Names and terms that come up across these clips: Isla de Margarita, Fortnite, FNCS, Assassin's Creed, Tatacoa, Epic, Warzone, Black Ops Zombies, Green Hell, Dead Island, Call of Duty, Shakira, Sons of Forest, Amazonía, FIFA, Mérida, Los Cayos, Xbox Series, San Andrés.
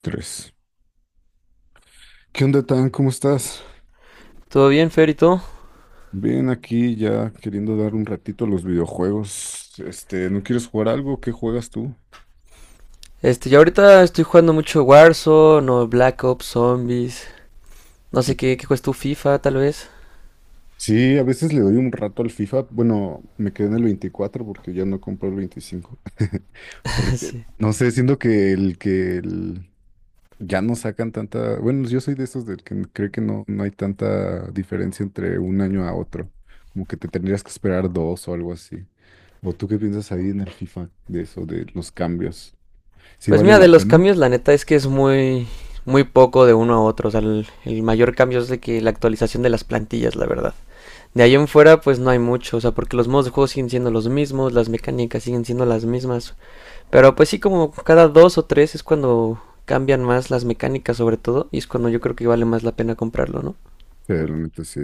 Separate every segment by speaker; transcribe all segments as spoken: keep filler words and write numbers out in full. Speaker 1: Tres. ¿Qué onda, Tan? ¿Cómo estás?
Speaker 2: ¿Todo bien, Fer, y todo?
Speaker 1: Bien, aquí ya queriendo dar un ratito a los videojuegos. Este, ¿no quieres jugar algo? ¿Qué juegas tú?
Speaker 2: Este, yo ahorita estoy jugando mucho Warzone o Black Ops Zombies. No sé qué, qué juegas tú, FIFA, tal vez.
Speaker 1: Sí, a veces le doy un rato al FIFA. Bueno, me quedé en el veinticuatro porque ya no compré el veinticinco. Porque
Speaker 2: Sí.
Speaker 1: no sé, siento que el que el- ya no sacan tanta... Bueno, yo soy de esos del que cree que no, no hay tanta diferencia entre un año a otro. Como que te tendrías que esperar dos o algo así. ¿O tú qué piensas ahí en el FIFA de eso, de los cambios? Sí
Speaker 2: Pues
Speaker 1: vale
Speaker 2: mira, de
Speaker 1: la
Speaker 2: los
Speaker 1: pena,
Speaker 2: cambios, la neta es que es muy, muy poco de uno a otro. O sea, el, el mayor cambio es de que la actualización de las plantillas, la verdad. De ahí en fuera, pues no hay mucho, o sea, porque los modos de juego siguen siendo los mismos, las mecánicas siguen siendo las mismas. Pero pues sí, como cada dos o tres es cuando cambian más las mecánicas sobre todo, y es cuando yo creo que vale más la pena comprarlo, ¿no?
Speaker 1: sí, la neta sí.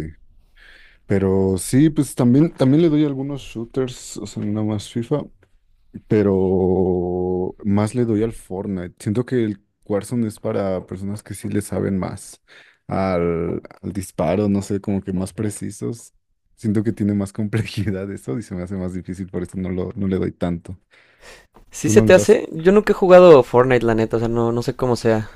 Speaker 1: Pero sí, pues también, también le doy algunos shooters, o sea, nada más FIFA, pero más le doy al Fortnite. Siento que el Warzone es para personas que sí le saben más al, al disparo, no sé, como que más precisos. Siento que tiene más complejidad eso y se me hace más difícil, por eso no lo, no le doy tanto.
Speaker 2: Si
Speaker 1: ¿Tú
Speaker 2: se
Speaker 1: no le
Speaker 2: te
Speaker 1: das?
Speaker 2: hace, yo nunca he jugado Fortnite, la neta, o sea, no, no sé cómo sea.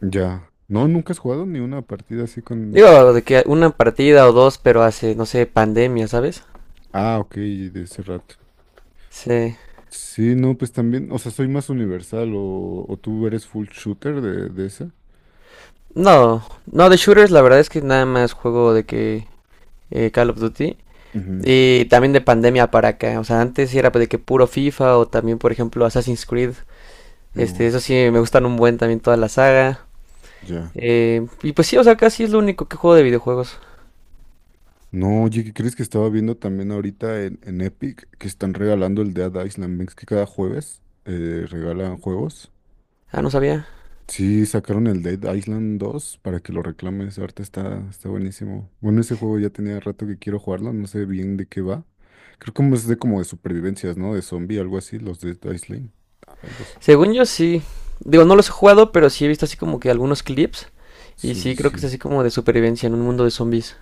Speaker 1: Ya. No, nunca has jugado ni una partida así con... de cu-
Speaker 2: Digo, de que una partida o dos, pero hace, no sé, pandemia, ¿sabes?
Speaker 1: Ah, ok, de ese rato.
Speaker 2: Sí.
Speaker 1: Sí, no, pues también, o sea, soy más universal o, o tú eres full shooter de, de esa.
Speaker 2: No, no, de shooters la verdad es que nada más juego de que eh, Call of Duty.
Speaker 1: Ujú.
Speaker 2: Y también de pandemia para acá, o sea, antes sí era de que puro FIFA o también, por ejemplo, Assassin's Creed. Este,
Speaker 1: Oh,
Speaker 2: eso sí, me gustan un buen también toda la saga.
Speaker 1: ya.
Speaker 2: Eh, y pues sí, o sea, casi es lo único que juego de videojuegos.
Speaker 1: No, oye, ¿qué crees que estaba viendo también ahorita en, en Epic que están regalando el Dead Island? ¿Ves que cada jueves eh, regalan juegos?
Speaker 2: Ah, no sabía.
Speaker 1: Sí, sacaron el Dead Island dos para que lo reclames. Ahorita está, está buenísimo. Bueno, ese juego ya tenía rato que quiero jugarlo, no sé bien de qué va. Creo que es de como de supervivencias, ¿no? De zombie, algo así, los Dead Island. Algo así.
Speaker 2: Según yo sí. Digo, no los he jugado, pero sí he visto así como que algunos clips. Y
Speaker 1: Sí, sí,
Speaker 2: sí, creo que es
Speaker 1: sí.
Speaker 2: así como de supervivencia en un mundo de zombies.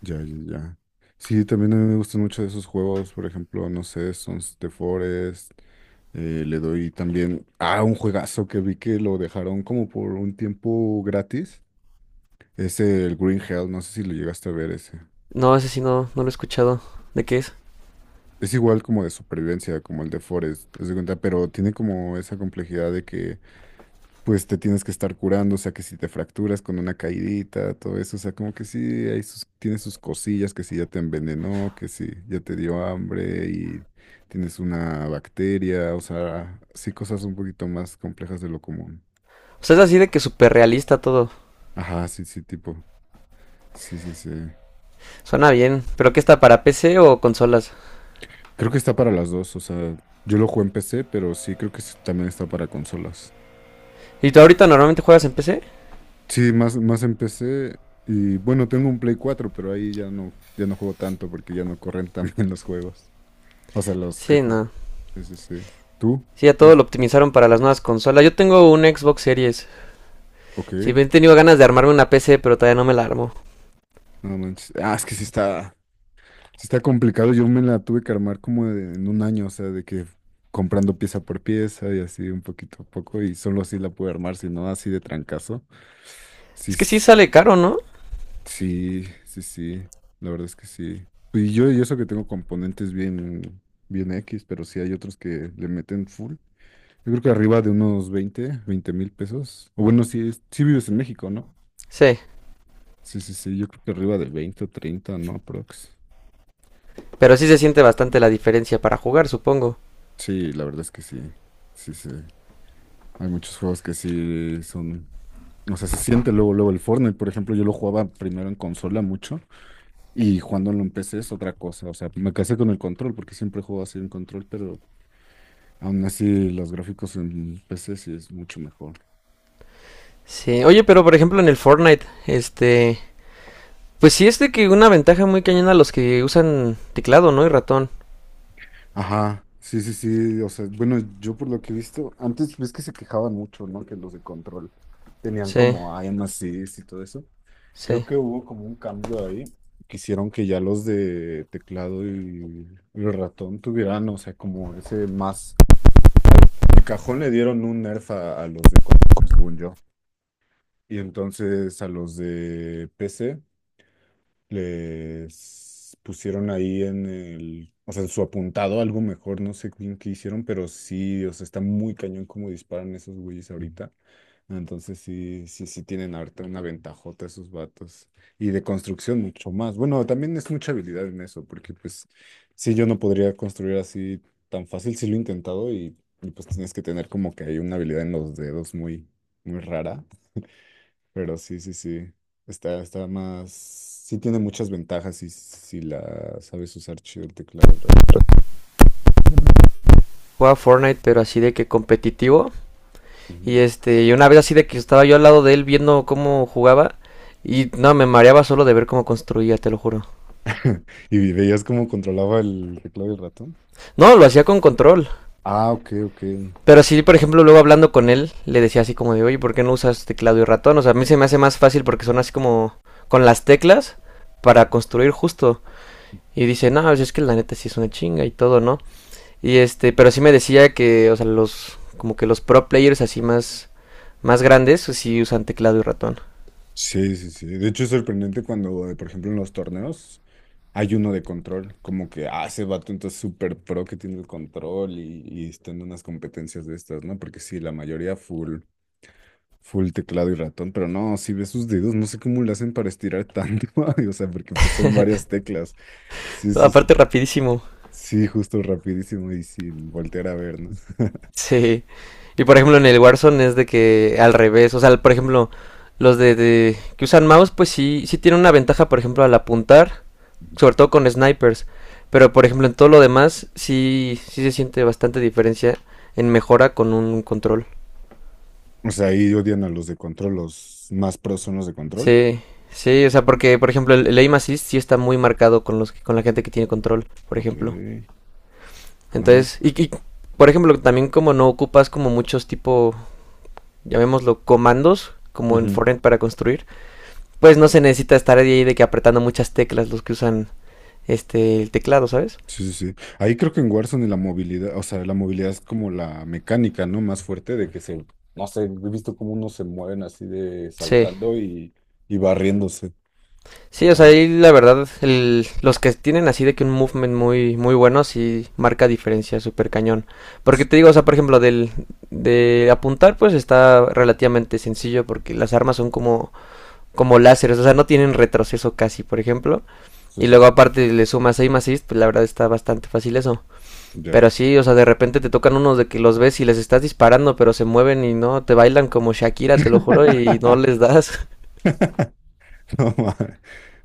Speaker 1: Ya, ya, ya. Sí, también a mí me gustan mucho esos juegos, por ejemplo, no sé, Sons de Forest. Eh, le doy también a un juegazo que vi que lo dejaron como por un tiempo gratis. Es el Green Hell, no sé si lo llegaste a ver ese.
Speaker 2: No, ese sí no, no lo he escuchado. ¿De qué es?
Speaker 1: Es igual como de supervivencia, como el de Forest, haz de cuenta, pero tiene como esa complejidad de que pues te tienes que estar curando, o sea, que si te fracturas con una caidita, todo eso, o sea, como que sí, hay sus, tiene sus cosillas, que si ya te envenenó, que si ya te dio hambre y tienes una bacteria, o sea, sí, cosas un poquito más complejas de lo común.
Speaker 2: O sea, es así de que súper realista todo.
Speaker 1: Ajá, sí, sí, tipo, sí, sí, sí.
Speaker 2: Suena bien. ¿Pero qué está para P C o consolas?
Speaker 1: Creo que está para las dos, o sea, yo lo jugué en P C, pero sí, creo que sí también está para consolas.
Speaker 2: ¿Y tú ahorita normalmente juegas en P C?
Speaker 1: Sí, más, más en P C. Y bueno, tengo un Play cuatro pero ahí ya no, ya no juego tanto porque ya no corren tan bien los juegos. O sea, los que
Speaker 2: Sí,
Speaker 1: juego.
Speaker 2: no.
Speaker 1: Sí, sí, sí. ¿Tú?
Speaker 2: Sí, ya todo
Speaker 1: ¿Eres-
Speaker 2: lo optimizaron para las nuevas consolas. Yo tengo un Xbox Series.
Speaker 1: Ok.
Speaker 2: Sí, he tenido ganas de armarme una P C, pero todavía no me la armo.
Speaker 1: No manches. Ah, es que sí está, sí está complicado. Yo me la tuve que armar como de- en un año, o sea, de que comprando pieza por pieza y así un poquito a poco y solo así la pude armar, si no, así de trancazo. Sí,
Speaker 2: Es que sí
Speaker 1: s-
Speaker 2: sale caro, ¿no?
Speaker 1: sí, sí, sí. La verdad es que sí. Y yo, y eso que tengo componentes bien, bien X, pero sí hay otros que le meten full. Yo creo que arriba de unos veinte, veinte mil pesos. O bueno, si, es- sí vives en México, ¿no?
Speaker 2: Sí.
Speaker 1: Sí, sí, sí, yo creo que arriba de veinte o treinta, ¿no? Prox.
Speaker 2: Pero sí se siente bastante la diferencia para jugar, supongo.
Speaker 1: Sí, la verdad es que sí. Sí, sí. Hay muchos juegos que sí son. O sea, se siente luego, luego el Fortnite, por ejemplo, yo lo jugaba primero en consola mucho y cuando en P C es otra cosa. O sea, me casé con el control porque siempre juego así en control, pero aún así los gráficos en P C sí es mucho mejor.
Speaker 2: Sí, oye, pero por ejemplo en el Fortnite, este, pues sí es de que una ventaja muy cañona a los que usan teclado, ¿no? Y ratón.
Speaker 1: Ajá, sí, sí, sí. O sea, bueno, yo por lo que he visto, antes ves que se quejaban mucho, ¿no? Que los de control tenían
Speaker 2: Sí,
Speaker 1: como aim assist y todo eso. Creo
Speaker 2: sí.
Speaker 1: que hubo como un cambio ahí. Quisieron que ya los de teclado y, y ratón tuvieran, o sea, como ese más... Al, de cajón le dieron un nerf a, a los de control, según yo. Y entonces a los de P C les pusieron ahí en el, o sea, en su apuntado algo mejor, no sé bien qué hicieron, pero sí, o sea, está muy cañón como disparan esos güeyes ahorita. Entonces sí, sí, sí tienen ahorita una ventajota esos vatos. Y de construcción mucho más. Bueno, también es mucha habilidad en eso, porque pues sí, yo no podría construir así tan fácil, sí lo he intentado y, y, pues tienes que tener como que hay una habilidad en los dedos muy, muy rara, pero sí, sí, sí. Está, está más. Sí tiene muchas ventajas si, si la sabes usar chido el teclado. el ra-
Speaker 2: Juega Fortnite, pero así de que competitivo. Y
Speaker 1: Ujú.
Speaker 2: este, y una vez así de que estaba yo al lado de él viendo cómo jugaba. Y no, me mareaba solo de ver cómo construía, te lo juro.
Speaker 1: ¿Y veías cómo controlaba el teclado y el ratón?
Speaker 2: No, lo hacía con control.
Speaker 1: Ah, ok, ok.
Speaker 2: Pero sí, por ejemplo, luego hablando con él, le decía así como de, oye, ¿por qué no usas teclado y ratón? O sea, a mí se me hace más fácil porque son así como con las teclas para construir justo. Y dice, no, pues es que la neta sí es una chinga y todo, ¿no? Y este, pero sí me decía que, o sea, los, como que los pro players así más, más grandes, pues sí usan teclado y ratón.
Speaker 1: Sí, sí, sí. De hecho es sorprendente cuando, eh, por ejemplo, en los torneos. Hay uno de control, como que, ah, ese vato entonces súper pro que tiene el control y, y está en unas competencias de estas, ¿no? Porque sí, la mayoría full, full teclado y ratón, pero no, si ves sus dedos, no sé cómo le hacen para estirar tanto, ay, o sea, porque pues, son varias teclas. Sí, sí, sí,
Speaker 2: Aparte, rapidísimo.
Speaker 1: sí, justo rapidísimo y sin voltear a ver, ¿no?
Speaker 2: Sí. Y por ejemplo, en el Warzone es de que al revés, o sea, por ejemplo, los de, de que usan mouse, pues sí, sí tienen una ventaja, por ejemplo, al apuntar, sobre todo con snipers. Pero por ejemplo, en todo lo demás, sí, sí se siente bastante diferencia en mejora con un control.
Speaker 1: O sea, ahí odian a los de control, los más pros son los de control.
Speaker 2: Sí, sí, o sea, porque, por ejemplo, el, el aim assist sí está muy marcado con los, con la gente que tiene control, por
Speaker 1: Ok,
Speaker 2: ejemplo.
Speaker 1: no manches.
Speaker 2: Entonces, y, y, por ejemplo, también como no ocupas como muchos tipo, llamémoslo, comandos, como en
Speaker 1: Ujú.
Speaker 2: Fortnite para construir, pues no se necesita estar ahí de que apretando muchas teclas los que usan este el teclado, ¿sabes?
Speaker 1: Sí, sí, sí. Ahí creo que en Warzone la movilidad, o sea, la movilidad es como la mecánica, ¿no? Más fuerte de que se, no sé, he visto cómo unos se mueven así de
Speaker 2: Sí,
Speaker 1: saltando y, y barriéndose.
Speaker 2: sí, o sea,
Speaker 1: Ajá.
Speaker 2: ahí la verdad, el- los que tienen así de que un movement muy, muy bueno sí marca diferencia súper cañón. Porque
Speaker 1: Sí,
Speaker 2: te digo, o sea, por ejemplo, del, de apuntar pues está relativamente sencillo porque las armas son como, como láseres, o sea, no tienen retroceso casi, por ejemplo.
Speaker 1: sí,
Speaker 2: Y
Speaker 1: sí.
Speaker 2: luego
Speaker 1: Sí.
Speaker 2: aparte le sumas aim assist, pues la verdad está bastante fácil eso.
Speaker 1: Ya.
Speaker 2: Pero sí, o sea, de repente te tocan unos de que los ves y les estás disparando, pero se mueven y no, te bailan como Shakira, te lo juro, y no les das.
Speaker 1: No ma-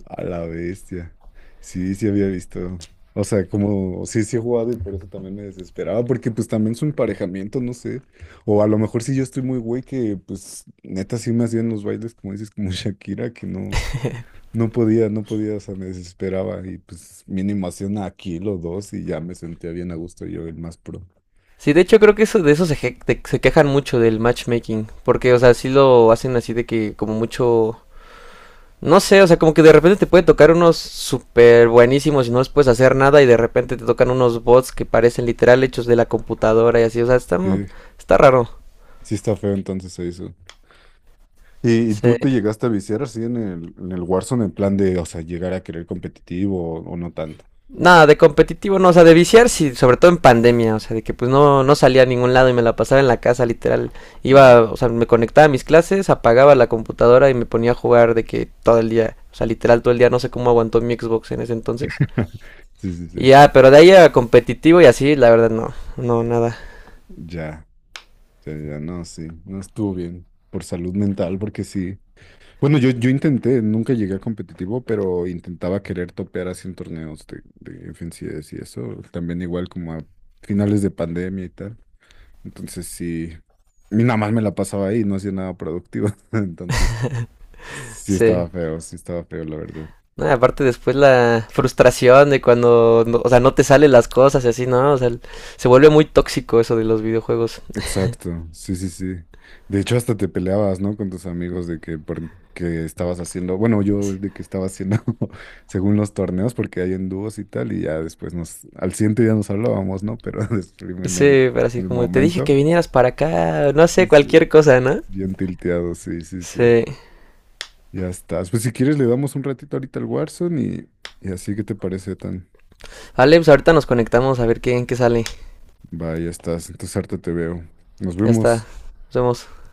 Speaker 1: A la bestia. Sí, sí había visto. O sea, como, sí, sí he jugado y por eso también me desesperaba, porque pues también su emparejamiento, no sé. O a lo mejor si yo estoy muy güey que pues neta sí me hacían los bailes, como dices, como Shakira, que no. No podía, no podía, o sea, me desesperaba y pues mínimo hacía una aquí los dos y ya me sentía bien a gusto yo, el más pro.
Speaker 2: Sí, de hecho creo que eso, de eso se, je- de- se quejan mucho del matchmaking, porque, o sea, sí lo hacen así de que como mucho, no sé, o sea, como que de repente te puede tocar unos súper buenísimos y no les puedes hacer nada y de repente te tocan unos bots que parecen literal hechos de la computadora y así, o sea, está, mu-
Speaker 1: Sí,
Speaker 2: está raro.
Speaker 1: sí está feo entonces eso. ¿Y, y
Speaker 2: Sí.
Speaker 1: tú te llegaste a viciar así en el, en el Warzone en plan de, o sea, llegar a querer competitivo o, o no tanto?
Speaker 2: Nada, de competitivo no, o sea, de viciar sí, sobre todo en pandemia, o sea, de que pues no, no salía a ningún lado y me la pasaba en la casa, literal. Iba,
Speaker 1: Mm.
Speaker 2: o sea, me conectaba a mis clases, apagaba la computadora y me ponía a jugar de que todo el día, o sea, literal todo el día, no sé cómo aguantó mi Xbox en ese entonces.
Speaker 1: Sí, sí, sí.
Speaker 2: Y ya, pero de ahí a competitivo y así, la verdad no, no, nada,
Speaker 1: Ya, ya, ya, no, sí, no estuvo bien por salud mental porque sí. Bueno, yo, yo intenté, nunca llegué a competitivo, pero intentaba querer topear así en torneos de, de F N C S y eso, también igual como a finales de pandemia y tal. Entonces sí, y nada más me la pasaba ahí, no hacía nada productivo. Entonces sí
Speaker 2: sí.
Speaker 1: estaba feo, sí estaba feo, la verdad.
Speaker 2: No, aparte después la frustración de cuando, no- o sea, no te salen las cosas y así, ¿no? O sea, se vuelve muy tóxico eso de los videojuegos.
Speaker 1: Exacto, sí, sí, sí. De hecho, hasta te peleabas, ¿no? Con tus amigos de que, por, que estabas haciendo, bueno, yo
Speaker 2: Así.
Speaker 1: de que estaba haciendo según los torneos, porque hay en dúos y tal, y ya después nos, al siguiente día nos hablábamos, ¿no? Pero después en el,
Speaker 2: Sí, pero así
Speaker 1: en el
Speaker 2: como te dije que
Speaker 1: momento,
Speaker 2: vinieras para acá, no sé,
Speaker 1: sí, sí,
Speaker 2: cualquier cosa, ¿no?
Speaker 1: bien tilteado, sí, sí, sí.
Speaker 2: Sí.
Speaker 1: Ya estás. Pues si quieres le damos un ratito ahorita al Warzone y, y así que te parece tan.
Speaker 2: Vale, pues ahorita nos conectamos a ver qué, en qué sale.
Speaker 1: Va, ya estás. Entonces harta te veo. Nos
Speaker 2: Ya está.
Speaker 1: vemos.
Speaker 2: Nos vemos.